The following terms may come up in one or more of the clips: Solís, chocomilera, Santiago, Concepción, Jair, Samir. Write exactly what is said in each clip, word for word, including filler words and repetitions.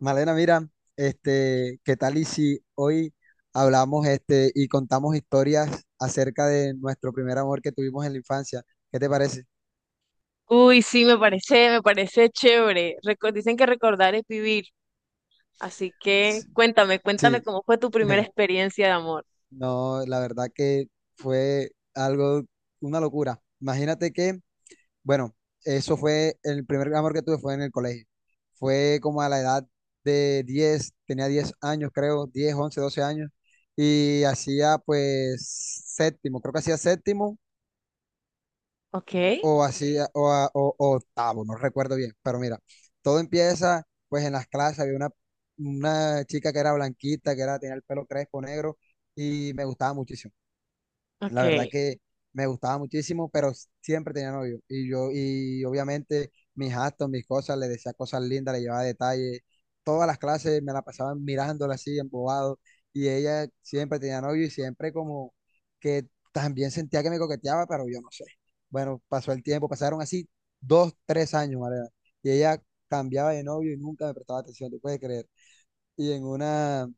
Malena, mira, este, ¿qué tal y si hoy hablamos este y contamos historias acerca de nuestro primer amor que tuvimos en la infancia? ¿Qué te parece? Uy, sí, me parece, me parece chévere. Reco- dicen que recordar es vivir, así que S- cuéntame, cuéntame Sí, cómo fue tu primera mira, experiencia de amor. no, la verdad que fue algo, una locura. Imagínate que, bueno, eso fue el primer amor que tuve fue en el colegio. Fue como a la edad de diez tenía diez años, creo, diez once doce años y hacía pues séptimo, creo que hacía séptimo Ok, o así, o, a- o- o octavo, no recuerdo bien, pero mira, todo empieza, pues en las clases había una, una chica que era blanquita, que era, tenía el pelo crespo negro y me gustaba muchísimo. La ok, verdad que me gustaba muchísimo, pero s- siempre tenía novio. Y yo, y obviamente mis actos, mis cosas, le decía cosas lindas, le llevaba detalles. Todas las clases me la pasaban mirándola así, embobado. Y ella siempre tenía novio y siempre como que también sentía que me coqueteaba, pero yo no sé. Bueno, pasó el tiempo, pasaron así dos, tres años, Mariana. Y ella cambiaba de novio y nunca me prestaba atención, ¿te puedes creer? Y en una,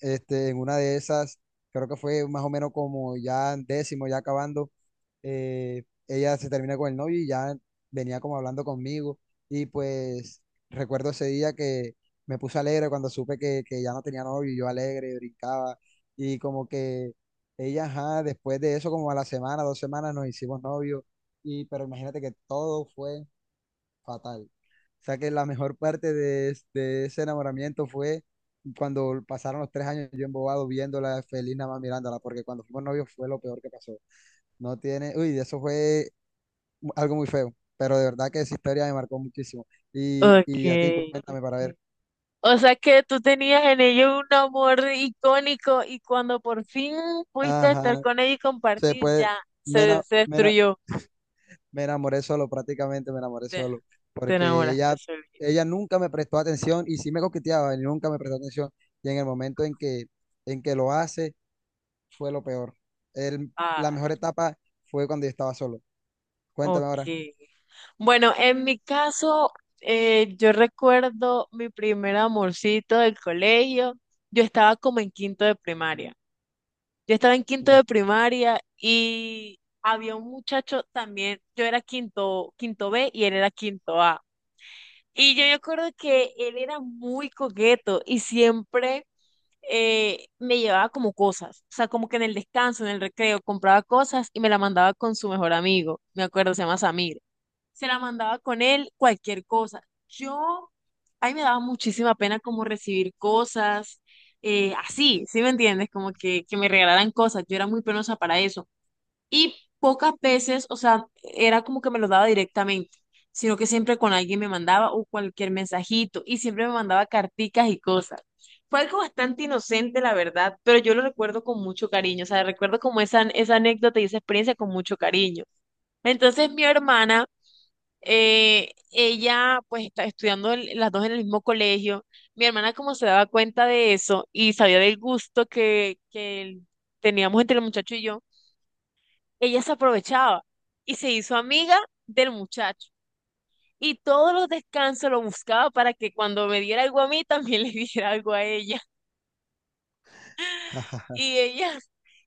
este, en una de esas, creo que fue más o menos como ya en décimo, ya acabando, eh, ella se termina con el novio y ya venía como hablando conmigo. Y pues recuerdo ese día que me puse alegre cuando supe que, que ya no tenía novio, y yo alegre, brincaba. Y como que ella, ajá, después de eso, como a la semana, dos semanas, nos hicimos novios. Y, pero imagínate que todo fue fatal. O sea que la mejor parte de, es- de ese enamoramiento fue cuando pasaron los tres años yo embobado viéndola feliz nada más mirándola, porque cuando fuimos novios fue lo peor que pasó. No tiene, uy, eso fue algo muy feo, pero de verdad que esa historia me marcó muchísimo. Y, y a ti, ok. cuéntame para ver. O sea que tú tenías en ello un amor icónico y cuando por fin pudiste estar Ajá, con ella y se compartir, ya puede, me, se, ena- se me, ena- destruyó. me enamoré solo, prácticamente me enamoré Te, solo, te porque enamoraste, ella, Solís. ella nunca me prestó atención y sí me coqueteaba y nunca me prestó atención. Y en el momento en que, en que lo hace fue lo peor. El- la mejor etapa fue cuando yo estaba solo. Cuéntame Ok. ahora. Bueno, en mi caso, eh, yo recuerdo mi primer amorcito del colegio. Yo estaba como en quinto de primaria. Yo estaba en quinto de Mm. primaria y había un muchacho también. Yo era quinto, quinto B y él era quinto A. Y yo me acuerdo que él era muy coqueto y siempre eh, me llevaba como cosas. O sea, como que en el descanso, en el recreo, compraba cosas y me la mandaba con su mejor amigo. Me acuerdo, se llama Samir, se la mandaba con él, cualquier cosa. Yo, ahí me daba muchísima pena como recibir cosas, eh, así, ¿sí me entiendes? Como que, que me regalaran cosas, yo era muy penosa para eso. Y pocas veces, o sea, era como que me lo daba directamente, sino que siempre con alguien me mandaba o cualquier mensajito y siempre me mandaba carticas y cosas. Fue algo bastante inocente, la verdad, pero yo lo recuerdo con mucho cariño, o sea, recuerdo como esa, esa anécdota y esa experiencia con mucho cariño. Entonces mi hermana eh, ella pues está estudiando el- las dos en el mismo colegio. Mi hermana como se daba cuenta de eso y sabía del gusto que, que el- teníamos entre el muchacho y yo, ella se aprovechaba y se hizo amiga del muchacho. Y todos los descansos lo buscaba para que cuando me diera algo a mí, también le diera algo a ella. Y ella,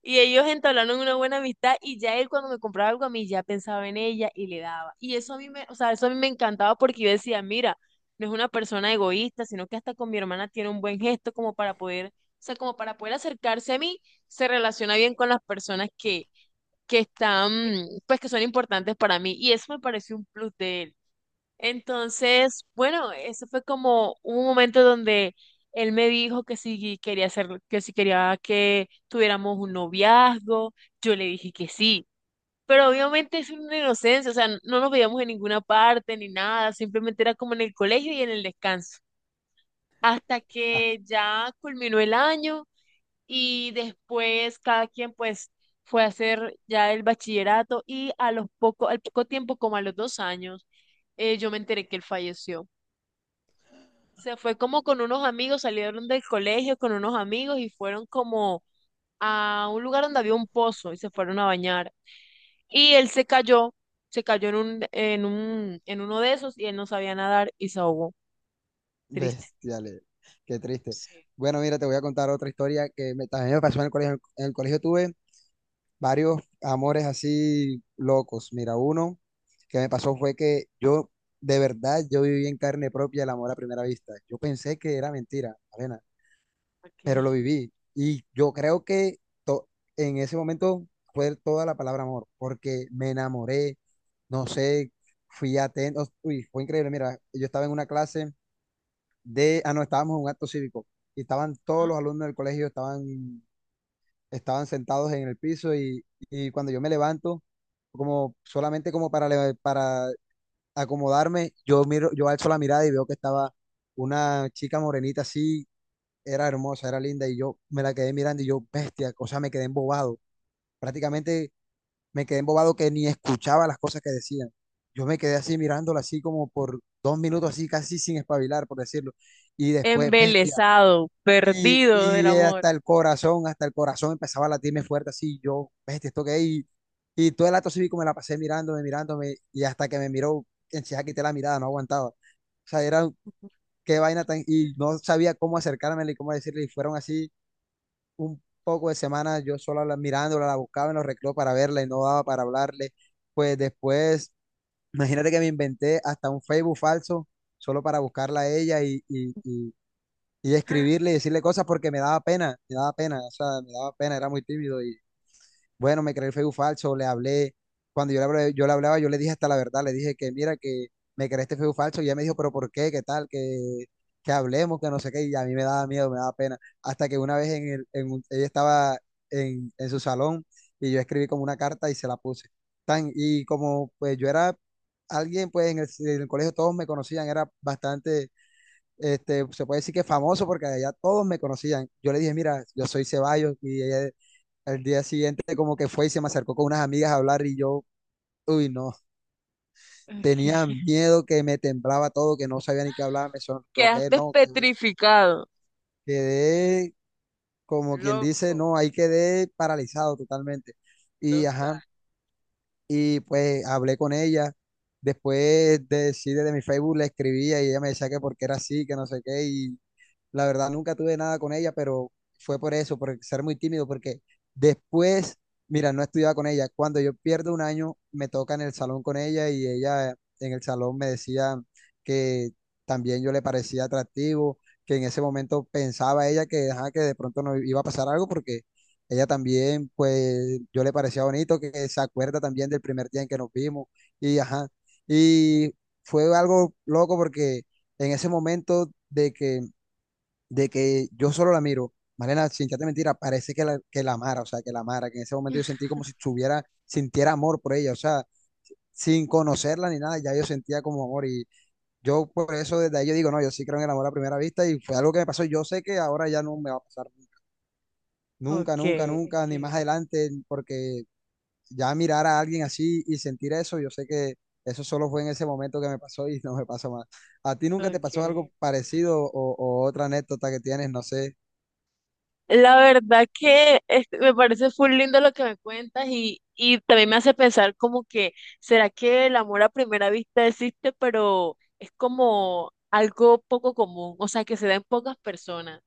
y ellos entablaron una buena amistad y ya él cuando me compraba algo a mí ya pensaba en ella y le daba. Y eso a mí me, o sea, eso a mí me encantaba porque yo decía, mira, no es una persona egoísta, sino que hasta con mi hermana tiene un buen gesto como para poder, o sea, como para poder acercarse a mí, se relaciona bien con las personas que, que están, pues que son importantes para mí. Y eso me pareció un plus de él. Entonces, bueno, eso fue como un momento donde él me dijo que si quería hacer, que si quería que tuviéramos un noviazgo, yo le dije que sí. Pero obviamente es una inocencia, o sea, no nos veíamos en ninguna parte ni nada, simplemente era como en el colegio y en el descanso. Hasta que ya culminó el año y después cada quien pues fue a hacer ya el bachillerato y a los poco, al poco tiempo, como a los dos años, eh, yo me enteré que él falleció. Se fue como con unos amigos, salieron del colegio con unos amigos y fueron como a un lugar donde había un pozo y se fueron a bañar. Y él se cayó, se cayó en un, en un, en uno de esos y él no sabía nadar y se ahogó. Triste. Bestiales, qué triste. Sí, Bueno, mira, te voy a contar otra historia que me- también me pasó en el colegio. En el colegio tuve varios amores así locos. Mira, uno que me pasó fue que yo, de verdad, yo viví en carne propia el amor a primera vista. Yo pensé que era mentira, Elena. Pero lo ok. viví. Y yo creo que to- en ese momento fue toda la palabra amor, porque me enamoré, no sé, fui atento, uy, fue increíble. Mira, yo estaba en una clase de, ah, no, estábamos en un acto cívico y estaban Ajá. todos los alumnos del colegio, estaban, estaban sentados en el piso y, y cuando yo me levanto, como solamente como para, le- para acomodarme, yo miro, yo alzo la mirada y veo que estaba una chica morenita así, era hermosa, era linda y yo me la quedé mirando y yo, bestia, o sea, me quedé embobado. Prácticamente me quedé embobado que ni escuchaba las cosas que decían. Yo me quedé así mirándola así como por dos minutos así casi sin espabilar, por decirlo. Y después, bestia. Embelesado, Y, perdido del y amor. hasta el corazón, hasta el corazón empezaba a latirme fuerte así. Yo, bestia, esto que es. Y, y todo el acto cívico me la pasé mirándome, mirándome. Y hasta que me miró, enseguida quité la mirada, no aguantaba. O sea, era qué vaina tan... Y no sabía cómo acercármela y cómo decirle. Y fueron así un poco de semanas yo solo la, mirándola, la buscaba en los recreos para verla y no daba para hablarle. Pues después, imagínate que me inventé hasta un Facebook falso solo para buscarla a ella y, y, y, y escribirle y decirle cosas porque me daba pena, me daba pena, o sea, me daba pena, era muy tímido y bueno, me creé el Facebook falso, le hablé. Cuando yo le hablaba, yo le hablaba, yo le dije hasta la verdad, le dije que mira, que me creé este Facebook falso. Y ella me dijo, pero ¿por qué? ¿Qué tal? Que, que hablemos, que no sé qué. Y a mí me daba miedo, me daba pena. Hasta que una vez en el, en un- ella estaba en, en su salón y yo escribí como una carta y se la puse. Tan, y como pues yo era alguien, pues en el, en el colegio todos me conocían, era bastante, este, se puede decir que famoso porque allá todos me conocían. Yo le dije, mira, yo soy Ceballos y ella al día siguiente como que fue y se me acercó con unas amigas a hablar y yo, uy, no, tenía Ok. miedo que me temblaba todo, que no sabía ni qué hablar, me sonrojé, Quedaste no, que me- petrificado. quedé como quien dice, Loco, no, ahí quedé paralizado totalmente. Y ajá, total. y pues hablé con ella, después de, sí, desde mi Facebook le escribía y ella me decía que porque era así, que no sé qué, y la verdad, nunca tuve nada con ella, pero fue por eso, por ser muy tímido, porque después, mira, no estudiaba con ella. Cuando yo pierdo un año, me toca en el salón con ella y ella en el salón me decía que también yo le parecía atractivo, que en ese momento pensaba ella que, ajá, que de pronto no iba a pasar algo porque ella también, pues yo le parecía bonito, que se acuerda también del primer día en que nos vimos y ajá. Y fue algo loco porque en ese momento de que de que yo solo la miro, Malena, sin echarte mentira, parece que la, que la amara, o sea, que la amara, que en ese momento yo sentí como si tuviera, sintiera amor por ella, o sea, sin conocerla ni nada, ya yo sentía como amor y yo por eso desde ahí yo digo, no, yo sí creo en el amor a primera vista y fue algo que me pasó, yo sé que ahora ya no me va a pasar nunca, Ok. nunca, nunca, ni más adelante, porque ya mirar a alguien así y sentir eso, yo sé que eso solo fue en ese momento que me pasó y no me pasó más. ¿A ti nunca te Ok. pasó algo parecido o, o otra anécdota que tienes? No sé. La verdad que este, me parece full lindo lo que me cuentas y, y también me hace pensar como que, ¿será que el amor a primera vista existe, pero es como algo poco común, o sea, que se da en pocas personas?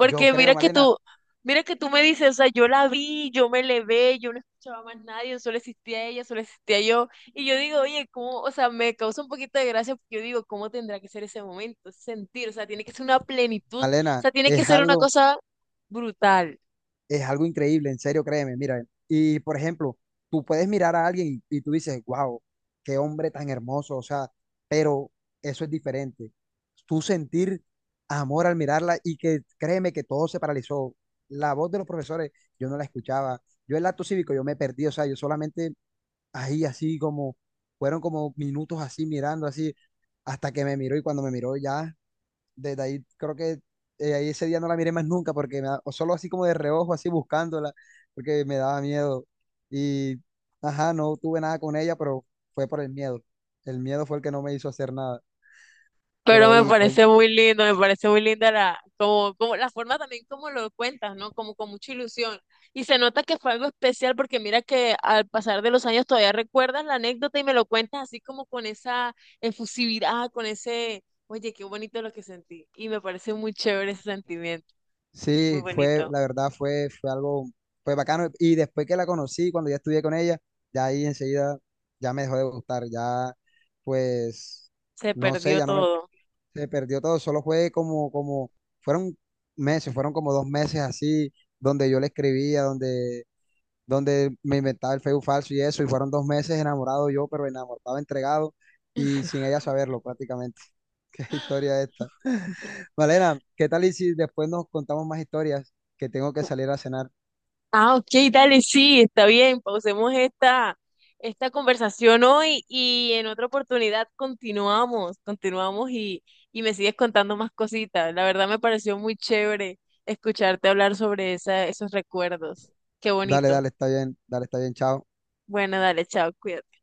Yo creo, mira que Malena, tú, mira que tú me dices, o sea, yo la vi, yo me levé, yo no escuchaba más nadie, solo existía ella, solo existía yo, y yo digo, oye, ¿cómo? O sea, me causa un poquito de gracia porque yo digo, ¿cómo tendrá que ser ese momento, ese sentir? O sea, tiene que ser una plenitud, o Malena, sea, tiene que es ser una algo, cosa brutal, es algo increíble, en serio, créeme, mira. Y por ejemplo, tú puedes mirar a alguien y, y tú dices, wow, qué hombre tan hermoso, o sea, pero eso es diferente. Tú sentir amor al mirarla y que créeme que todo se paralizó. La voz de los profesores, yo no la escuchaba. Yo el acto cívico, yo me perdí, o sea, yo solamente ahí así como, fueron como minutos así mirando así, hasta que me miró y cuando me miró ya desde ahí creo que eh, ahí ese día no la miré más nunca porque me da- o solo así como de reojo, así buscándola, porque me daba miedo. Y, ajá, no tuve nada con ella, pero fue por el miedo. El miedo fue el que no me hizo hacer nada. pero Pero me oye, fue- parece muy lindo, me parece muy linda la, como, como la forma también como lo cuentas, ¿no? Como con mucha ilusión. Y se nota que fue algo especial porque mira que al pasar de los años todavía recuerdas la anécdota y me lo cuentas así como con esa efusividad, con ese, oye, qué bonito lo que sentí. Y me parece muy chévere ese sentimiento, muy sí, fue, bonito. la verdad fue, fue algo, fue bacano. Y después que la conocí, cuando ya estudié con ella, ya ahí enseguida ya me dejó de gustar, ya pues, Se no sé, perdió ya no me, todo. se perdió todo, solo fue como, como, fueron meses, fueron como dos meses así, donde yo le escribía, donde, donde me inventaba el Facebook falso y eso, y fueron dos meses enamorado yo, pero enamorado, entregado, y sin ella saberlo prácticamente. Qué historia esta. Malena, ¿qué tal y si después nos contamos más historias? Que tengo que salir a cenar. Ah, ok, dale, sí, está bien. Pausemos esta, esta conversación hoy y en otra oportunidad continuamos, continuamos y, y me sigues contando más cositas. La verdad me pareció muy chévere escucharte hablar sobre esa, esos recuerdos. Qué Dale, bonito. dale, está bien, dale, está bien, chao. Bueno, dale, chao, cuídate.